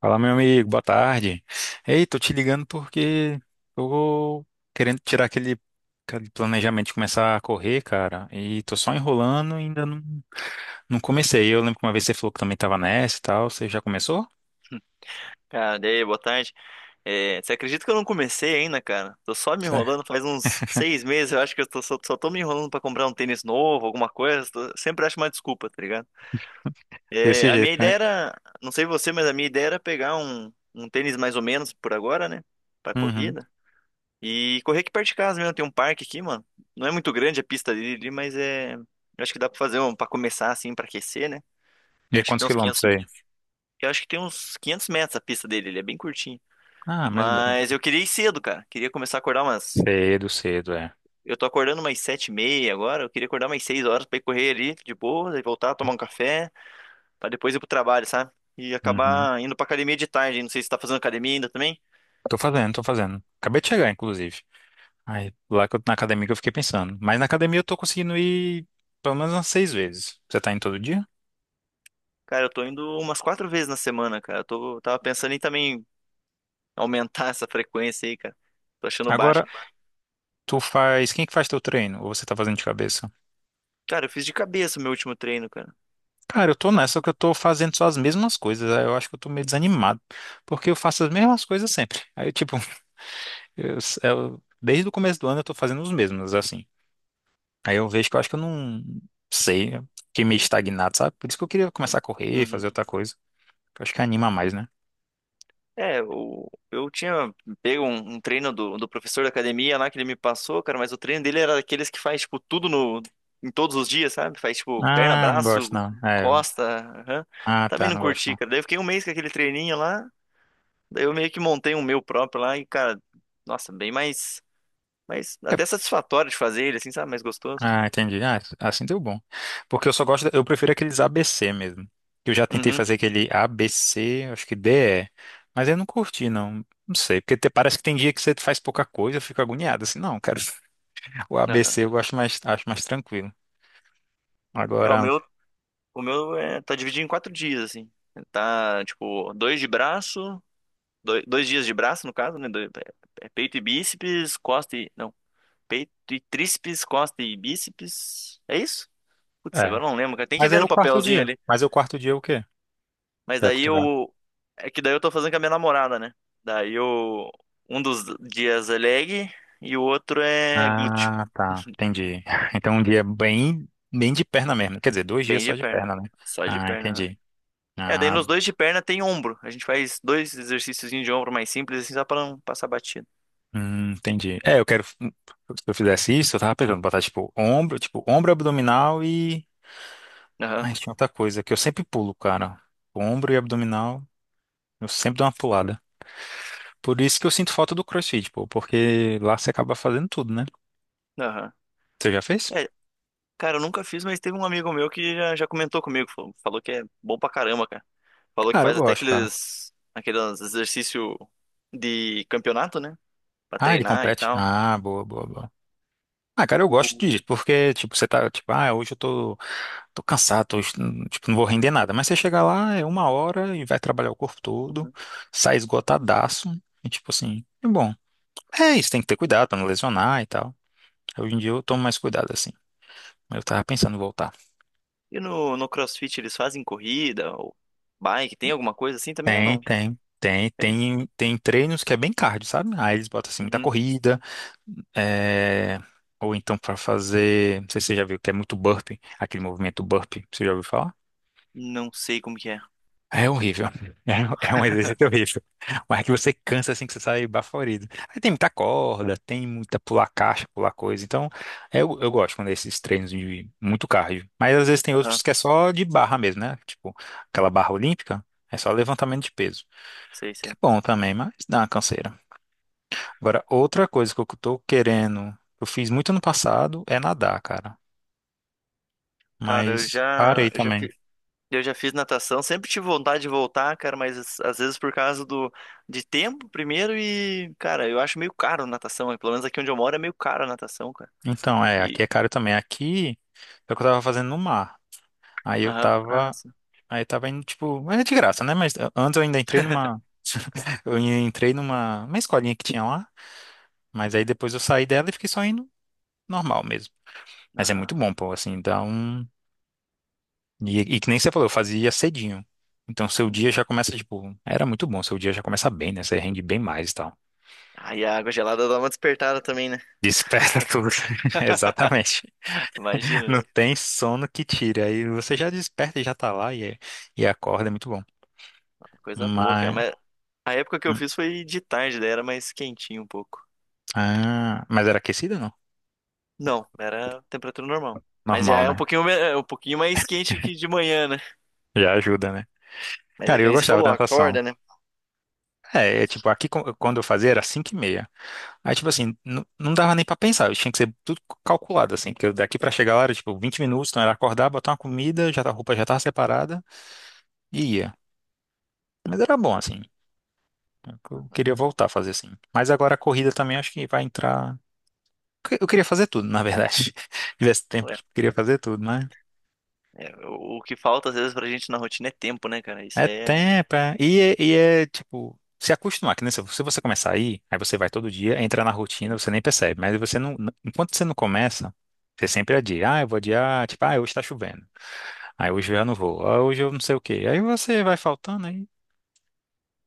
Fala, meu amigo, boa tarde. Ei, tô te ligando porque tô querendo tirar aquele planejamento de começar a correr, cara, e tô só enrolando e ainda não, não comecei. Eu lembro que uma vez você falou que também tava nessa e tal, você já começou? Cara, e aí, boa tarde. É, você acredita que eu não comecei ainda, cara? Tô só me Certo. enrolando faz uns seis meses, eu acho que eu tô, só tô me enrolando pra comprar um tênis novo, alguma coisa. Sempre acho uma desculpa, tá ligado? É, Desse a jeito, minha né? ideia era, não sei você, mas a minha ideia era pegar um tênis mais ou menos por agora, né? Pra Uhum. corrida. E correr aqui perto de casa mesmo, tem um parque aqui, mano. Não é muito grande a pista dele, ali, mas é. Eu acho que dá pra fazer um, pra começar assim, pra aquecer, né? E aí, Acho que quantos tem uns 500. quilômetros aí? Eu acho que tem uns 500 metros a pista dele, ele é bem curtinho. Ah, mas dá- Mas eu queria ir cedo, cara. Queria começar a acordar umas. cedo, cedo, é. Eu tô acordando umas sete e meia agora. Eu queria acordar umas seis horas pra ir correr ali de boa, daí voltar, tomar um café, pra depois ir pro trabalho, sabe? E Uhum. acabar indo pra academia de tarde. Não sei se tá fazendo academia ainda também. Tô fazendo, tô fazendo. Acabei de chegar, inclusive. Aí, lá que eu, na academia que eu fiquei pensando. Mas na academia eu tô conseguindo ir pelo menos umas seis vezes. Você tá indo todo dia? Cara, eu tô indo umas quatro vezes na semana, cara. Tava pensando em também aumentar essa frequência aí, cara. Tô achando baixo. Agora, tu faz. Quem é que faz teu treino? Ou você tá fazendo de cabeça? Cara, eu fiz de cabeça o meu último treino, cara. Cara, eu tô nessa que eu tô fazendo só as mesmas coisas. Aí, eu acho que eu tô meio desanimado. Porque eu faço as mesmas coisas sempre. Aí, tipo, desde o começo do ano eu tô fazendo os mesmos, assim. Aí eu vejo que eu acho que eu não sei. Eu fiquei meio estagnado, sabe? Por isso que eu queria começar a correr, Uhum. fazer outra coisa, que eu acho que anima mais, né? Eu tinha pego um treino do professor da academia lá que ele me passou, cara, mas o treino dele era daqueles que faz, tipo, tudo no, em todos os dias, sabe? Faz, tipo, perna, Ah, não gosto braço, não. É. costa, aham. Ah, Também tá, não não gosto curti, não. cara. Daí eu fiquei um mês com aquele treininho lá, daí eu meio que montei um meu próprio lá e, cara, nossa, bem mais, mais até satisfatório de fazer ele, assim, sabe? Mais gostoso. Ah, entendi. Ah, assim deu bom. Porque eu só gosto, eu prefiro aqueles ABC mesmo. Eu já tentei Uhum, fazer aquele ABC, acho que DE, mas eu não curti, não. Não sei, porque parece que tem dia que você faz pouca coisa, eu fico agoniado, assim, não, cara, o aham. ABC eu gosto mais, acho mais tranquilo. É, o Agora, meu, o meu é, tá dividido em quatro dias, assim. Tá, tipo, dois de braço. Dois dias de braço, no caso, né? É peito e bíceps, costa e. Não, peito e tríceps, costa e bíceps. É isso? Putz, é. agora eu não lembro, cara. Tem que Mas ver aí é o no quarto papelzinho dia. ali. Mas é o quarto dia é o quê? Mas Que é daí cultural. eu. É que daí eu tô fazendo com a minha namorada, né? Daí eu. Um dos dias é leg e o outro é glúteo. Ah, tá, entendi. Então um dia bem, bem de perna mesmo. Quer dizer, 2 dias Bem só de de perna. perna, né? Só de Ah, perna, né? entendi. É, daí Ah, nos dois de perna tem ombro. A gente faz dois exercícios de ombro mais simples, assim, só pra não passar batido. hum, entendi. É, eu quero. Se eu fizesse isso, eu tava pensando, botar tipo ombro, abdominal e. Aham, Ai, tinha outra coisa que eu sempre pulo, cara. Ombro e abdominal, eu sempre dou uma pulada. Por isso que eu sinto falta do CrossFit, pô, porque lá você acaba fazendo tudo, né? aham. Você já fez? É, cara, eu nunca fiz, mas teve um amigo meu que já comentou comigo. Falou que é bom pra caramba, cara. Falou que Cara, eu faz até gosto, cara. aqueles exercícios de campeonato, né? Pra Ah, ele treinar e compete? tal. Ah, boa, boa, boa. Ah, cara, eu gosto O- disso, porque, tipo, você tá, tipo, ah, hoje eu tô cansado, tô, tipo, não vou render nada. Mas você chega lá, é 1 hora e vai trabalhar o corpo todo, Uhum. sai esgotadaço, e tipo assim, é bom. É isso, tem que ter cuidado pra não lesionar e tal. Hoje em dia eu tomo mais cuidado, assim. Eu tava pensando em voltar. E no CrossFit eles fazem corrida ou bike? Tem alguma coisa assim também ou Tem, não? tem. Tem, Tem. tem, tem treinos que é bem cardio, sabe? Aí eles botam assim muita Uhum. corrida, é, ou então pra fazer, não sei se você já viu, que é muito burpee, aquele movimento burpee, você já ouviu falar? Não sei como que é. É horrível. É um exercício horrível. Mas é que você cansa assim que você sai baforido. Aí tem muita corda, tem muita pular caixa, pular coisa. Então, eu gosto quando é esses treinos de muito cardio. Mas às vezes tem Aham, outros que é só de barra mesmo, né? Tipo, aquela barra olímpica, é só levantamento de peso. sei, Que é sei. bom também, mas dá uma canseira. Agora, outra coisa que eu tô querendo, eu fiz muito ano passado, é nadar, cara. Cara, Mas parei eu já também. fiz. Eu já fiz natação, sempre tive vontade de voltar, cara, mas às vezes por causa do de tempo primeiro e, cara, eu acho meio caro natação, pelo menos aqui onde eu moro é meio caro a natação, cara. Então, é, E aqui é caro também. Aqui é o que eu tava fazendo no mar. Aí eu aham, ah, tava, sim. aí tava indo, tipo, mas é de graça, né? Mas antes eu ainda entrei numa, eu entrei numa, uma escolinha que tinha lá, mas aí depois eu saí dela e fiquei só indo normal mesmo. Mas é Aham. muito bom, pô, assim, dá um, e que nem você falou, eu fazia cedinho. Então seu dia Uhum. já começa, tipo, era muito bom, seu dia já começa bem, né? Você rende bem mais e tal. Aí a água gelada dá uma despertada também, né? Desperta tudo. Exatamente. Não Imagina, tem sono que tire. Aí você já desperta e já tá lá e, é, e acorda, é muito bom. coisa boa, cara, Mas, mas a época que eu hum, fiz foi de tarde, daí era mais quentinho um pouco. ah, mas era aquecida, não? Não, era temperatura normal. Mas já Normal, é um né? pouquinho, é um pouquinho mais quente que de manhã, né? Já ajuda, né? Mas é Cara, que eu nem você gostava falou, da natação. acorda, né? É tipo, aqui quando eu fazia era 5:30. Aí, tipo assim, não dava nem pra pensar, eu tinha que ser tudo calculado, assim, porque eu daqui pra chegar lá era, tipo, 20 minutos, então era acordar, botar uma comida, a roupa já tava separada e ia. Mas era bom, assim. Eu Uhum. queria voltar a fazer assim. Mas agora a corrida também acho que vai entrar. Eu queria fazer tudo, na verdade. Se tivesse tempo, queria fazer tudo. É, o que falta às vezes pra gente na rotina é tempo, né, cara? Isso É aí é. tempo, é. E é tipo, se acostumar, que nem se você começar a ir, aí você vai todo dia, entra na rotina, Sim. você nem percebe, mas você não, enquanto você não começa, você sempre adia, ah, eu vou adiar, tipo, ah, hoje tá chovendo, aí hoje eu já não vou, ah, hoje eu não sei o quê, aí você vai faltando, aí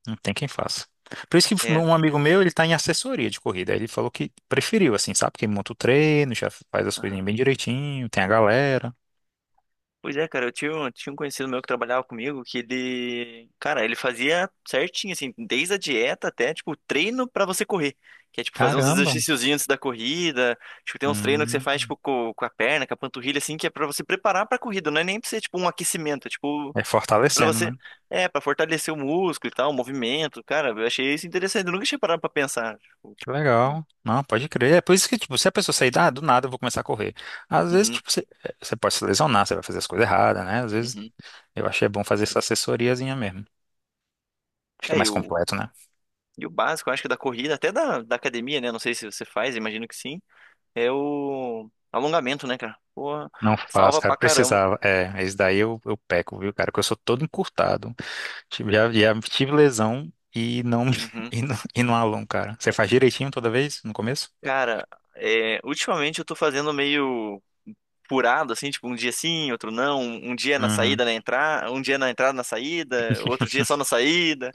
não tem quem faça. Por isso que É, um amigo meu, ele tá em assessoria de corrida, aí ele falou que preferiu, assim, sabe, que monta o treino, já faz as aham. coisinhas bem direitinho, tem a galera, Pois é, cara, tinha um conhecido meu que trabalhava comigo que ele. Cara, ele fazia certinho, assim, desde a dieta até, tipo, treino pra você correr. Que é, tipo, fazer uns caramba, exercíciozinhos antes da corrida. Tipo, tem uns treinos que você hum, faz, tipo, com a perna, com a panturrilha, assim, que é pra você preparar pra corrida. Não é nem pra ser, tipo, um aquecimento. É, tipo, é pra fortalecendo, você. né? É, pra fortalecer o músculo e tal, o movimento. Cara, eu achei isso interessante. Eu nunca tinha parado pra pensar. Tipo, Que legal. Não, pode crer. É por isso que, tipo, se a pessoa sair, ah, do nada eu vou começar a correr. Às vezes, uhum, tipo, você pode se lesionar, você vai fazer as coisas erradas, né? Às vezes, uhum. eu achei bom fazer essa assessoriazinha mesmo. Fica É, e mais o, completo, né? e o básico, eu acho que da corrida, até da academia, né? Não sei se você faz, imagino que sim. É o alongamento, né, cara? Porra, Não faz, salva cara. pra Eu caramba. precisava. É, esse daí eu peco, viu, cara? Que eu sou todo encurtado. Tive, já, já tive lesão e não, Uhum. E não alongo, cara. Você faz direitinho toda vez, no começo? Cara, é, ultimamente eu tô fazendo meio furado, assim, tipo, um dia sim, outro não. Um dia na Uhum. saída, na entrada, um dia na entrada, na saída, outro dia só na saída.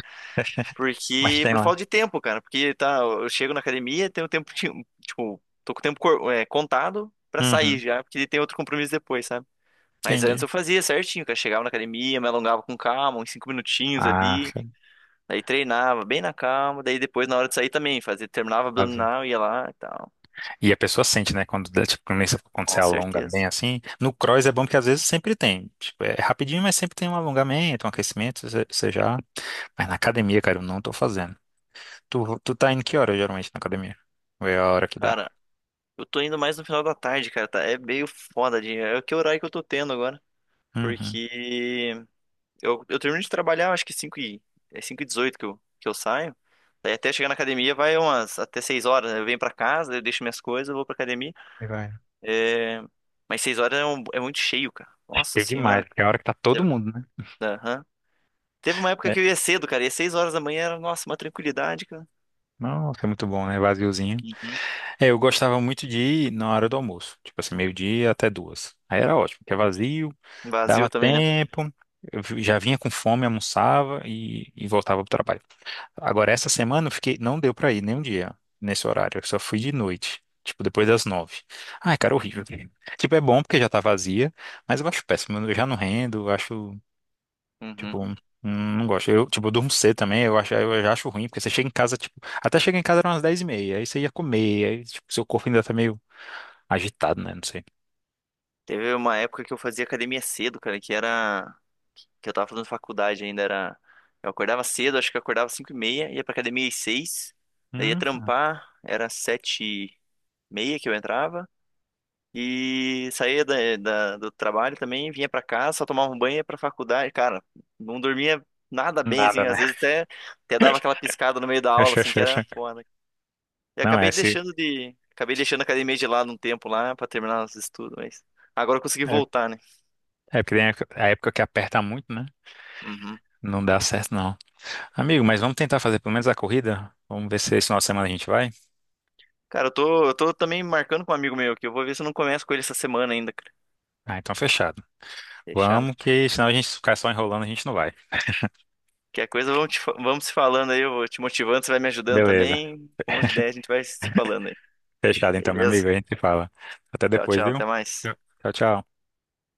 Mas Porque, tem por lá. falta de tempo, cara. Porque, tá, eu chego na academia, tenho tempo, tipo, tô com o tempo contado pra sair Uhum. já, porque tem outro compromisso depois, sabe? Mas antes Entendi. eu fazia certinho, cara. Chegava na academia, me alongava com calma, uns cinco minutinhos Ah, ali. sim. Daí treinava bem na calma. Daí depois, na hora de sair também, fazia, terminava abdominal, ia lá e tal. E a pessoa sente, né? Quando, dá, tipo, quando você Com alonga bem certeza. assim. No cross é bom porque às vezes sempre tem. Tipo, é rapidinho, mas sempre tem um alongamento, um aquecimento, você já. Mas na academia, cara, eu não tô fazendo. Tu tá indo que hora geralmente na academia? Ou é a hora que dá? Cara, eu tô indo mais no final da tarde, cara, tá? É o que horário que eu tô tendo agora. Uhum. Porque eu termino de trabalhar, acho que é 5 e 18 que que eu saio. Daí até chegar na academia vai umas até 6 horas, né? Eu venho pra casa, eu deixo minhas coisas, eu vou pra academia. E vai. É, mas seis horas é, é muito cheio, cara. Nossa É senhora. demais, porque é a hora que tá todo Te- mundo, né? Aham. Teve uma época É. que eu ia cedo, cara. E às seis horas da manhã era, nossa, uma tranquilidade, cara. Nossa, é muito bom, né? Vaziozinho. Uhum. É, eu gostava muito de ir na hora do almoço, tipo assim, meio-dia até duas. Aí era ótimo, porque é vazio, Vazio dava também, né? tempo, já vinha com fome, almoçava e voltava pro trabalho. Agora, essa semana eu fiquei, não deu pra ir nem um dia nesse horário, eu só fui de noite, tipo depois das nove. Ai, cara, horrível. Tipo, é bom porque já tá vazia, mas eu acho péssimo, eu já não rendo, eu acho. Uhum. Tipo, não gosto. Eu, tipo, eu durmo cedo também, eu acho, eu já acho ruim, porque você chega em casa, tipo, até chega em casa eram umas 10:30, aí você ia comer, aí, tipo, seu corpo ainda tá meio agitado, né? Não sei. Teve uma época que eu fazia academia cedo, cara, que era. Que eu tava fazendo faculdade ainda, era. Eu acordava cedo, acho que eu acordava cinco e meia, ia pra academia às seis, daí ia Hum, trampar, era sete e meia que eu entrava. E saía do trabalho também, vinha pra casa, só tomava um banho, e ia pra faculdade. Cara, não dormia nada bem, assim, nada, né? Até dava aquela piscada no meio da aula, assim, que era foda. E Não, é, se, acabei deixando a academia de lado um tempo lá pra terminar os estudos, mas agora eu consegui é, voltar, né? é porque tem a época que aperta muito, né? Uhum. Não dá certo, não. Amigo, mas vamos tentar fazer pelo menos a corrida? Vamos ver se esse final de semana a gente vai? Cara, eu tô também marcando com um amigo meu aqui, eu vou ver se eu não começo com ele essa semana ainda, cara. Ah, então fechado. Deixando. Vamos, que senão a gente ficar só enrolando, a gente não vai. Que a coisa, vamos, vamos se falando aí, eu vou te motivando, você vai me ajudando Beleza. também. Como de ideia, a gente vai se falando aí. Fechado então, meu Beleza? amigo, a gente se fala. Até Tchau, depois, tchau, viu? até mais. Tchau, tchau.